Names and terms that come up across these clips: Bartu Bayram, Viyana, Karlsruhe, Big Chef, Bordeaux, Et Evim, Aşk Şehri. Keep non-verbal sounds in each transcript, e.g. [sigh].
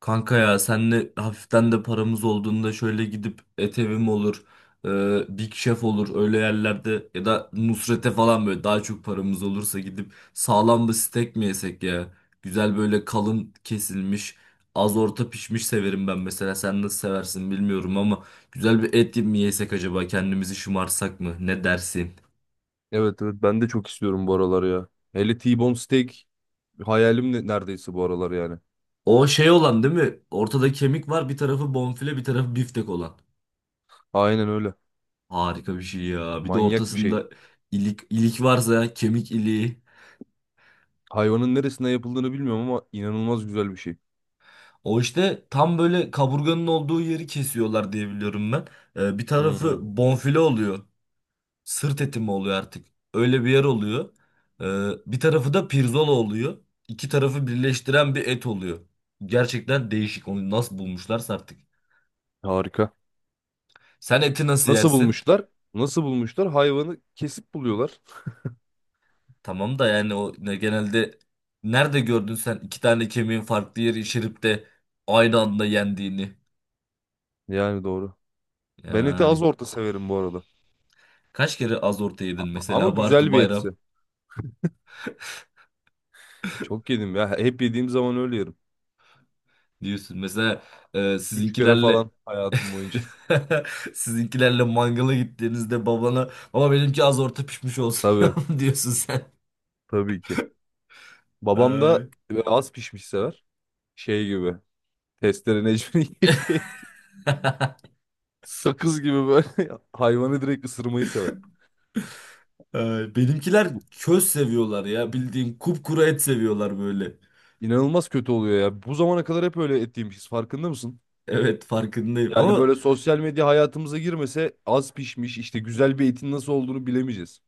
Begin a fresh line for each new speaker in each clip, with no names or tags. Kanka ya senle hafiften de paramız olduğunda şöyle gidip Et Evim olur, Big Chef olur öyle yerlerde ya da Nusret'e falan böyle daha çok paramız olursa gidip sağlam bir steak mi yesek ya? Güzel böyle kalın kesilmiş, az orta pişmiş severim ben mesela. Sen nasıl seversin bilmiyorum ama güzel bir et mi yesek acaba kendimizi şımarsak mı? Ne dersin?
Evet evet, ben de çok istiyorum bu aralar ya. Hele T-bone steak hayalim neredeyse bu aralar yani.
O şey olan değil mi? Ortada kemik var bir tarafı bonfile bir tarafı biftek olan.
Aynen öyle.
Harika bir şey ya. Bir de
Manyak bir şey.
ortasında ilik varsa kemik iliği.
Hayvanın neresinden yapıldığını bilmiyorum ama inanılmaz güzel bir şey.
O işte tam böyle kaburganın olduğu yeri kesiyorlar diye biliyorum ben. Bir tarafı
Hmm,
bonfile oluyor. Sırt eti mi oluyor artık? Öyle bir yer oluyor. Bir tarafı da pirzola oluyor. İki tarafı birleştiren bir et oluyor. Gerçekten değişik. Onu nasıl bulmuşlarsa artık.
harika.
Sen eti nasıl
Nasıl
yersin?
bulmuşlar? Nasıl bulmuşlar? Hayvanı kesip buluyorlar.
Tamam da yani o ne genelde nerede gördün sen iki tane kemiğin farklı yeri şiripte aynı anda yendiğini?
Yani doğru. Ben eti az
Yani
orta severim bu arada.
kaç kere az orta yedin
Ama
mesela [laughs] Bartu
güzel bir etsi.
Bayram
Çok yedim ya. Hep yediğim zaman öyle yerim.
diyorsun. Mesela
Üç kere
sizinkilerle
falan hayatım boyunca.
[laughs] sizinkilerle mangala gittiğinizde babana baba benimki az orta pişmiş
[laughs]
olsun [laughs] ya
Tabii.
diyorsun sen.
Tabii ki. Babam da
Ay,
böyle az pişmiş sever şey gibi. Testere Necmi'nin [laughs] yediği et. Sakız gibi böyle [laughs] hayvanı direkt ısırmayı sever.
ay. Benimkiler köz seviyorlar ya bildiğin kupkuru et seviyorlar böyle.
İnanılmaz kötü oluyor ya. Bu zamana kadar hep öyle et yemişiz. Farkında mısın?
Evet farkındayım
Yani
ama
böyle sosyal medya hayatımıza girmese az pişmiş işte güzel bir etin nasıl olduğunu bilemeyeceğiz.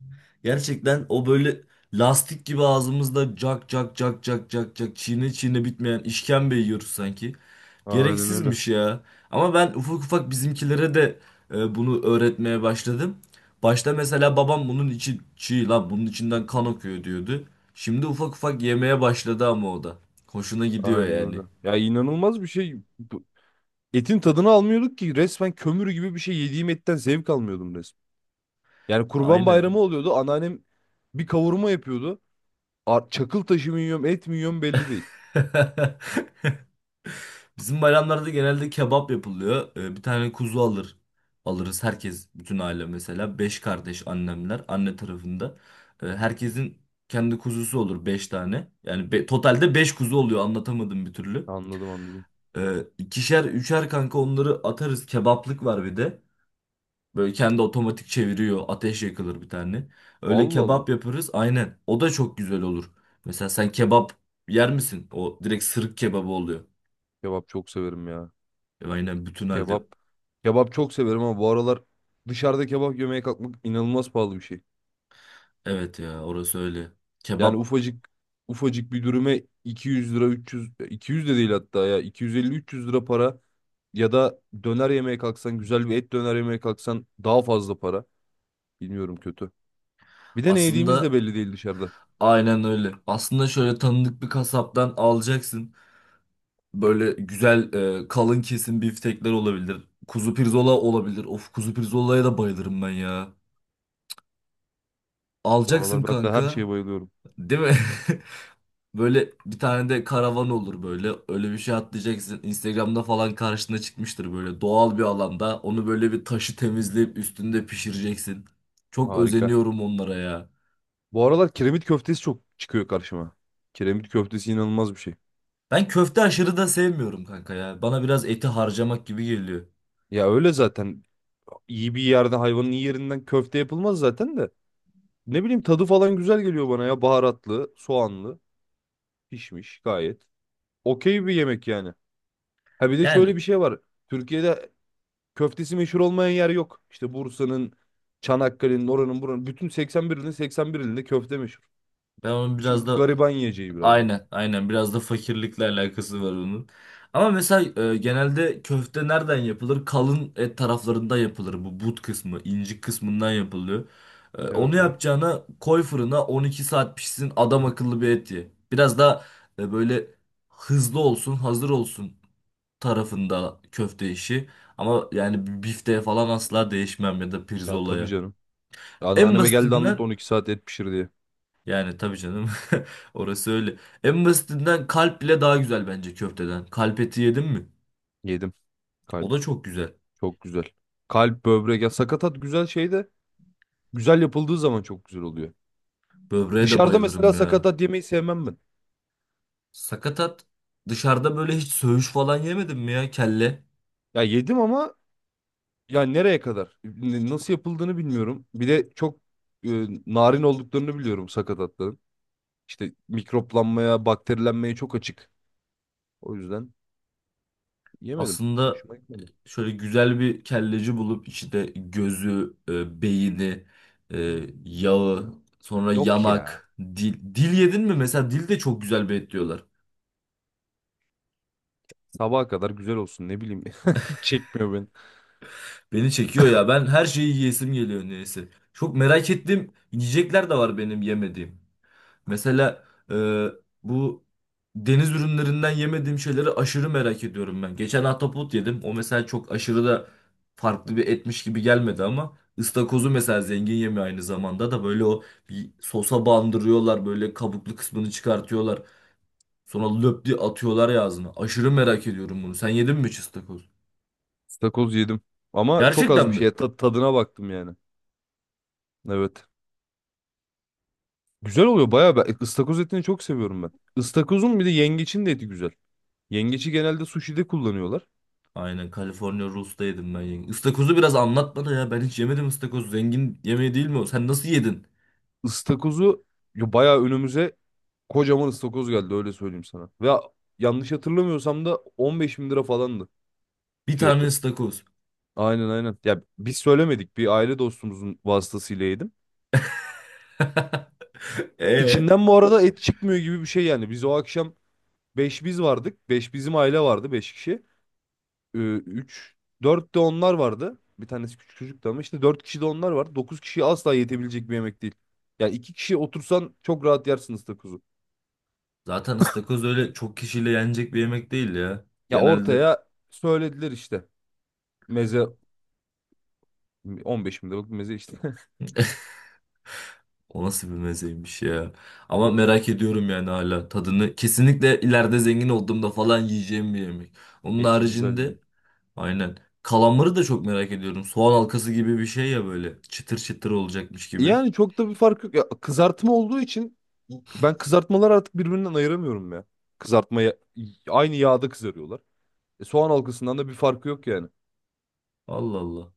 gerçekten o böyle lastik gibi ağzımızda cak cak cak cak cak cak çiğne çiğne bitmeyen işkembe yiyoruz sanki.
Aynen öyle.
Gereksizmiş ya. Ama ben ufak ufak bizimkilere de bunu öğretmeye başladım. Başta mesela babam bunun içi çiğ lan bunun içinden kan akıyor diyordu. Şimdi ufak ufak yemeye başladı ama o da. Hoşuna gidiyor
Aynen öyle.
yani.
Ya inanılmaz bir şey. Etin tadını almıyorduk ki resmen, kömür gibi bir şey yediğim etten zevk almıyordum resmen. Yani Kurban Bayramı
Aynen.
oluyordu. Anneannem bir kavurma yapıyordu. Çakıl taşı mı yiyorum, et mi yiyorum belli değil.
[laughs] Bizim bayramlarda genelde kebap yapılıyor. Bir tane kuzu alır. Alırız herkes, bütün aile mesela. Beş kardeş annemler, anne tarafında. Herkesin kendi kuzusu olur beş tane. Yani totalde beş kuzu oluyor anlatamadım bir türlü.
Anladım, anladım.
İkişer, üçer kanka onları atarız. Kebaplık var bir de. Böyle kendi otomatik çeviriyor. Ateş yakılır bir tane. Öyle
Allah Allah.
kebap yaparız aynen. O da çok güzel olur. Mesela sen kebap yer misin? O direkt sırık kebabı oluyor.
Kebap çok severim ya.
Aynen bütün halde.
Kebap. Kebap çok severim ama bu aralar dışarıda kebap yemeye kalkmak inanılmaz pahalı bir şey.
Evet ya orası öyle.
Yani
Kebap
ufacık ufacık bir dürüme 200 lira, 300 200 de değil hatta, ya 250-300 lira para, ya da döner yemeye kalksan, güzel bir et döner yemeye kalksan daha fazla para. Bilmiyorum, kötü. Bir de ne yediğimiz de
aslında
belli değil dışarıda.
aynen öyle. Aslında şöyle tanıdık bir kasaptan alacaksın. Böyle güzel kalın kesim biftekler olabilir. Kuzu pirzola olabilir. Of kuzu pirzolaya da bayılırım ben ya.
Bu
Alacaksın
aralar ben de her
kanka.
şeye bayılıyorum.
Değil mi? [laughs] Böyle bir tane de karavan olur böyle. Öyle bir şey atlayacaksın. Instagram'da falan karşına çıkmıştır böyle doğal bir alanda. Onu böyle bir taşı temizleyip üstünde pişireceksin. Çok
Harika.
özeniyorum onlara ya.
Bu aralar kiremit köftesi çok çıkıyor karşıma. Kiremit köftesi inanılmaz bir şey.
Ben köfte aşırı da sevmiyorum kanka ya. Bana biraz eti harcamak gibi geliyor.
Ya öyle zaten. İyi bir yerde hayvanın iyi yerinden köfte yapılmaz zaten de. Ne bileyim, tadı falan güzel geliyor bana ya. Baharatlı, soğanlı, pişmiş gayet. Okey bir yemek yani. Ha, bir de şöyle
Yani
bir şey var. Türkiye'de köftesi meşhur olmayan yer yok. İşte Bursa'nın, Çanakkale'nin, oranın, buranın. Bütün 81 ilin 81 ilinde köfte meşhur.
ben onun biraz
Çünkü
da
gariban yiyeceği biraz da.
aynen aynen biraz da fakirlikle alakası var onun. Ama mesela genelde köfte nereden yapılır? Kalın et taraflarında yapılır. Bu but kısmı, incik kısmından yapılıyor. Onu
Evet, evet.
yapacağına koy fırına 12 saat pişsin adam akıllı bir et ye. Biraz da böyle hızlı olsun, hazır olsun tarafında köfte işi. Ama yani bir bifteye falan asla değişmem ya da
Ya tabii
pirzolaya.
canım.
En
Anneanneme geldi, anlattı
basitinden
12 saat et pişir diye.
yani tabii canım [laughs] orası öyle. En basitinden kalp bile daha güzel bence köfteden. Kalp eti yedim mi?
Yedim.
O
Kalp
da çok güzel.
çok güzel. Kalp, böbrek, ya sakatat güzel şey de, güzel yapıldığı zaman çok güzel oluyor.
Böbreğe de
Dışarıda mesela
bayılırım ya.
sakatat yemeyi sevmem ben.
Sakatat dışarıda böyle hiç söğüş falan yemedim mi ya kelle?
Ya yedim ama ya nereye kadar? Nasıl yapıldığını bilmiyorum. Bir de çok e, narin olduklarını biliyorum sakatatların. İşte mikroplanmaya, bakterilenmeye çok açık. O yüzden yemedim.
Aslında
Hoşuma gitmedi.
şöyle güzel bir kelleci bulup içinde gözü, beyni, e, yağı, sonra
Yok ya.
yanak, dil. Dil yedin mi? Mesela dil de çok güzel bir et diyorlar.
Sabaha kadar güzel olsun, ne bileyim. [laughs] Hiç çekmiyor beni.
Beni çekiyor ya. Ben her şeyi yiyesim geliyor neyse. Çok merak ettiğim yiyecekler de var benim yemediğim. Mesela e, bu deniz ürünlerinden yemediğim şeyleri aşırı merak ediyorum ben. Geçen ahtapot yedim. O mesela çok aşırı da farklı bir etmiş gibi gelmedi ama ıstakozu mesela zengin yemeği aynı zamanda da böyle o bir sosa bandırıyorlar böyle kabuklu kısmını çıkartıyorlar. Sonra löp diye atıyorlar ya ağzına. Aşırı merak ediyorum bunu. Sen yedin mi hiç ıstakoz?
Stakoz yedim. Ama çok az
Gerçekten
bir
mi?
şeye tadına baktım yani. Evet. Güzel oluyor bayağı. Ben ıstakoz etini çok seviyorum ben. Istakozun bir de yengeçin de eti güzel. Yengeci genelde sushi'de kullanıyorlar.
Aynen California Rolls'ta yedim ben. Yenge. Istakozu biraz anlat bana ya. Ben hiç yemedim ıstakoz. Zengin yemeği değil mi o? Sen nasıl yedin?
Istakozu, ya bayağı önümüze kocaman ıstakoz geldi, öyle söyleyeyim sana. Ve yanlış hatırlamıyorsam da 15 bin lira falandı
Bir tane
fiyatı.
ıstakoz.
Aynen, aynen. Ya biz söylemedik, bir aile dostumuzun vasıtasıyla yedim.
[laughs] Ee?
İçinden bu arada et çıkmıyor gibi bir şey yani. Biz o akşam beş, biz vardık. Beş bizim aile vardı, 5 kişi. Ee, 3 4 de onlar vardı. Bir tanesi küçük çocuktu ama işte 4 kişi de onlar var. Dokuz kişiye asla yetebilecek bir yemek değil. Ya 2 kişi otursan çok rahat yersiniz takozu.
Zaten ıstakoz öyle çok kişiyle yenecek bir yemek değil ya.
Ya
Genelde
ortaya söylediler işte. Meze. 15 bin liralık bir meze işte.
o nasıl bir mezeymiş ya. Ama merak ediyorum yani hala tadını. Kesinlikle ileride zengin olduğumda falan yiyeceğim bir yemek.
[laughs]
Onun
Eti güzel yani.
haricinde aynen. Kalamarı da çok merak ediyorum. Soğan halkası gibi bir şey ya böyle. Çıtır çıtır olacakmış gibi.
Yani çok da bir fark yok. Ya kızartma olduğu için ben kızartmaları artık birbirinden ayıramıyorum ya. Kızartmaya, aynı yağda kızarıyorlar. E, soğan halkasından da bir farkı yok yani.
Allah Allah.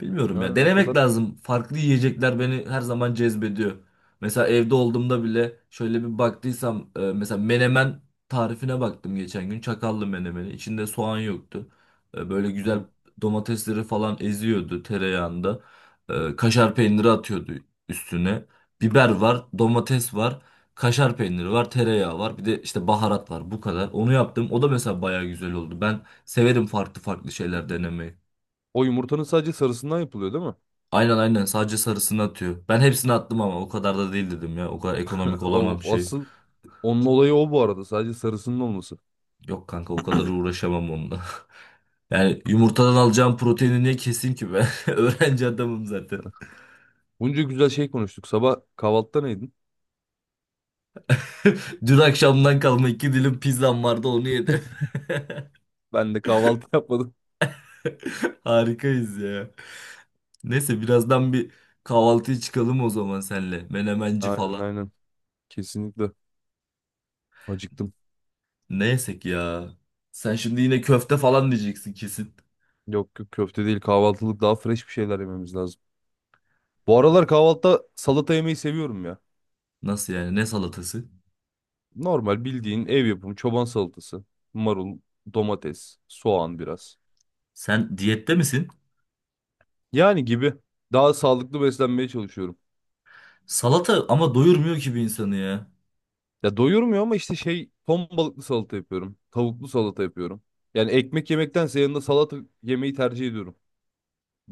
Bilmiyorum ya.
Yani o
Denemek
kadar.
lazım. Farklı yiyecekler beni her zaman cezbediyor. Mesela evde olduğumda bile şöyle bir baktıysam mesela menemen tarifine baktım geçen gün. Çakallı menemeni. İçinde soğan yoktu. Böyle
Hı
güzel
hı.
domatesleri falan eziyordu tereyağında. Kaşar peyniri atıyordu üstüne. Biber var, domates var, kaşar peyniri var, tereyağı var. Bir de işte baharat var. Bu kadar. Onu yaptım. O da mesela bayağı güzel oldu. Ben severim farklı farklı şeyler denemeyi.
O yumurtanın sadece sarısından yapılıyor, değil mi?
Aynen aynen sadece sarısını atıyor. Ben hepsini attım ama o kadar da değil dedim ya. O kadar ekonomik olamam
O,
şey.
asıl onun olayı o bu arada. Sadece sarısının olması.
Yok kanka o kadar uğraşamam onunla. [laughs] Yani yumurtadan alacağım proteini niye keseyim ki ben? [laughs] Öğrenci adamım zaten.
Bunca güzel şey konuştuk. Sabah kahvaltıda neydin?
[laughs] Dün akşamdan kalma iki dilim pizzam vardı onu yedim.
Ben de kahvaltı [laughs] yapmadım.
[laughs] Harikayız ya. Neyse birazdan bir kahvaltıya çıkalım o zaman senle. Menemenci
Aynen,
falan.
aynen. Kesinlikle. Acıktım.
Ne yesek ya? Sen şimdi yine köfte falan diyeceksin kesin.
Yok, yok, köfte değil, kahvaltılık daha fresh bir şeyler yememiz lazım. Bu aralar kahvaltıda salata yemeyi seviyorum ya.
Nasıl yani? Ne salatası?
Normal bildiğin ev yapımı çoban salatası. Marul, domates, soğan biraz.
Sen diyette misin?
Yani gibi. Daha sağlıklı beslenmeye çalışıyorum.
Salata ama doyurmuyor ki bir insanı ya.
Ya doyurmuyor ama işte şey, ton balıklı salata yapıyorum. Tavuklu salata yapıyorum. Yani ekmek yemektense yanında salata yemeyi tercih ediyorum.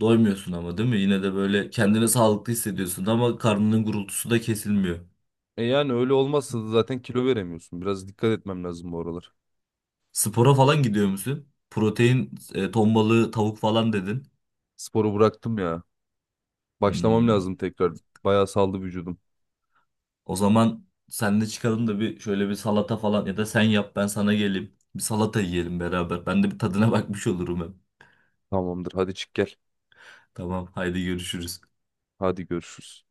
Doymuyorsun ama değil mi? Yine de böyle kendini sağlıklı hissediyorsun ama karnının gurultusu da kesilmiyor.
E yani öyle olmazsa da zaten kilo veremiyorsun. Biraz dikkat etmem lazım bu aralar.
Spora falan gidiyor musun? Protein, ton balığı, tavuk falan dedin.
Sporu bıraktım ya. Başlamam
Hmm.
lazım tekrar. Bayağı saldı vücudum.
O zaman senle çıkalım da bir şöyle bir salata falan ya da sen yap ben sana geleyim. Bir salata yiyelim beraber. Ben de bir tadına [laughs] bakmış olurum hem.
Tamamdır, hadi çık gel.
Tamam, haydi görüşürüz.
Hadi görüşürüz.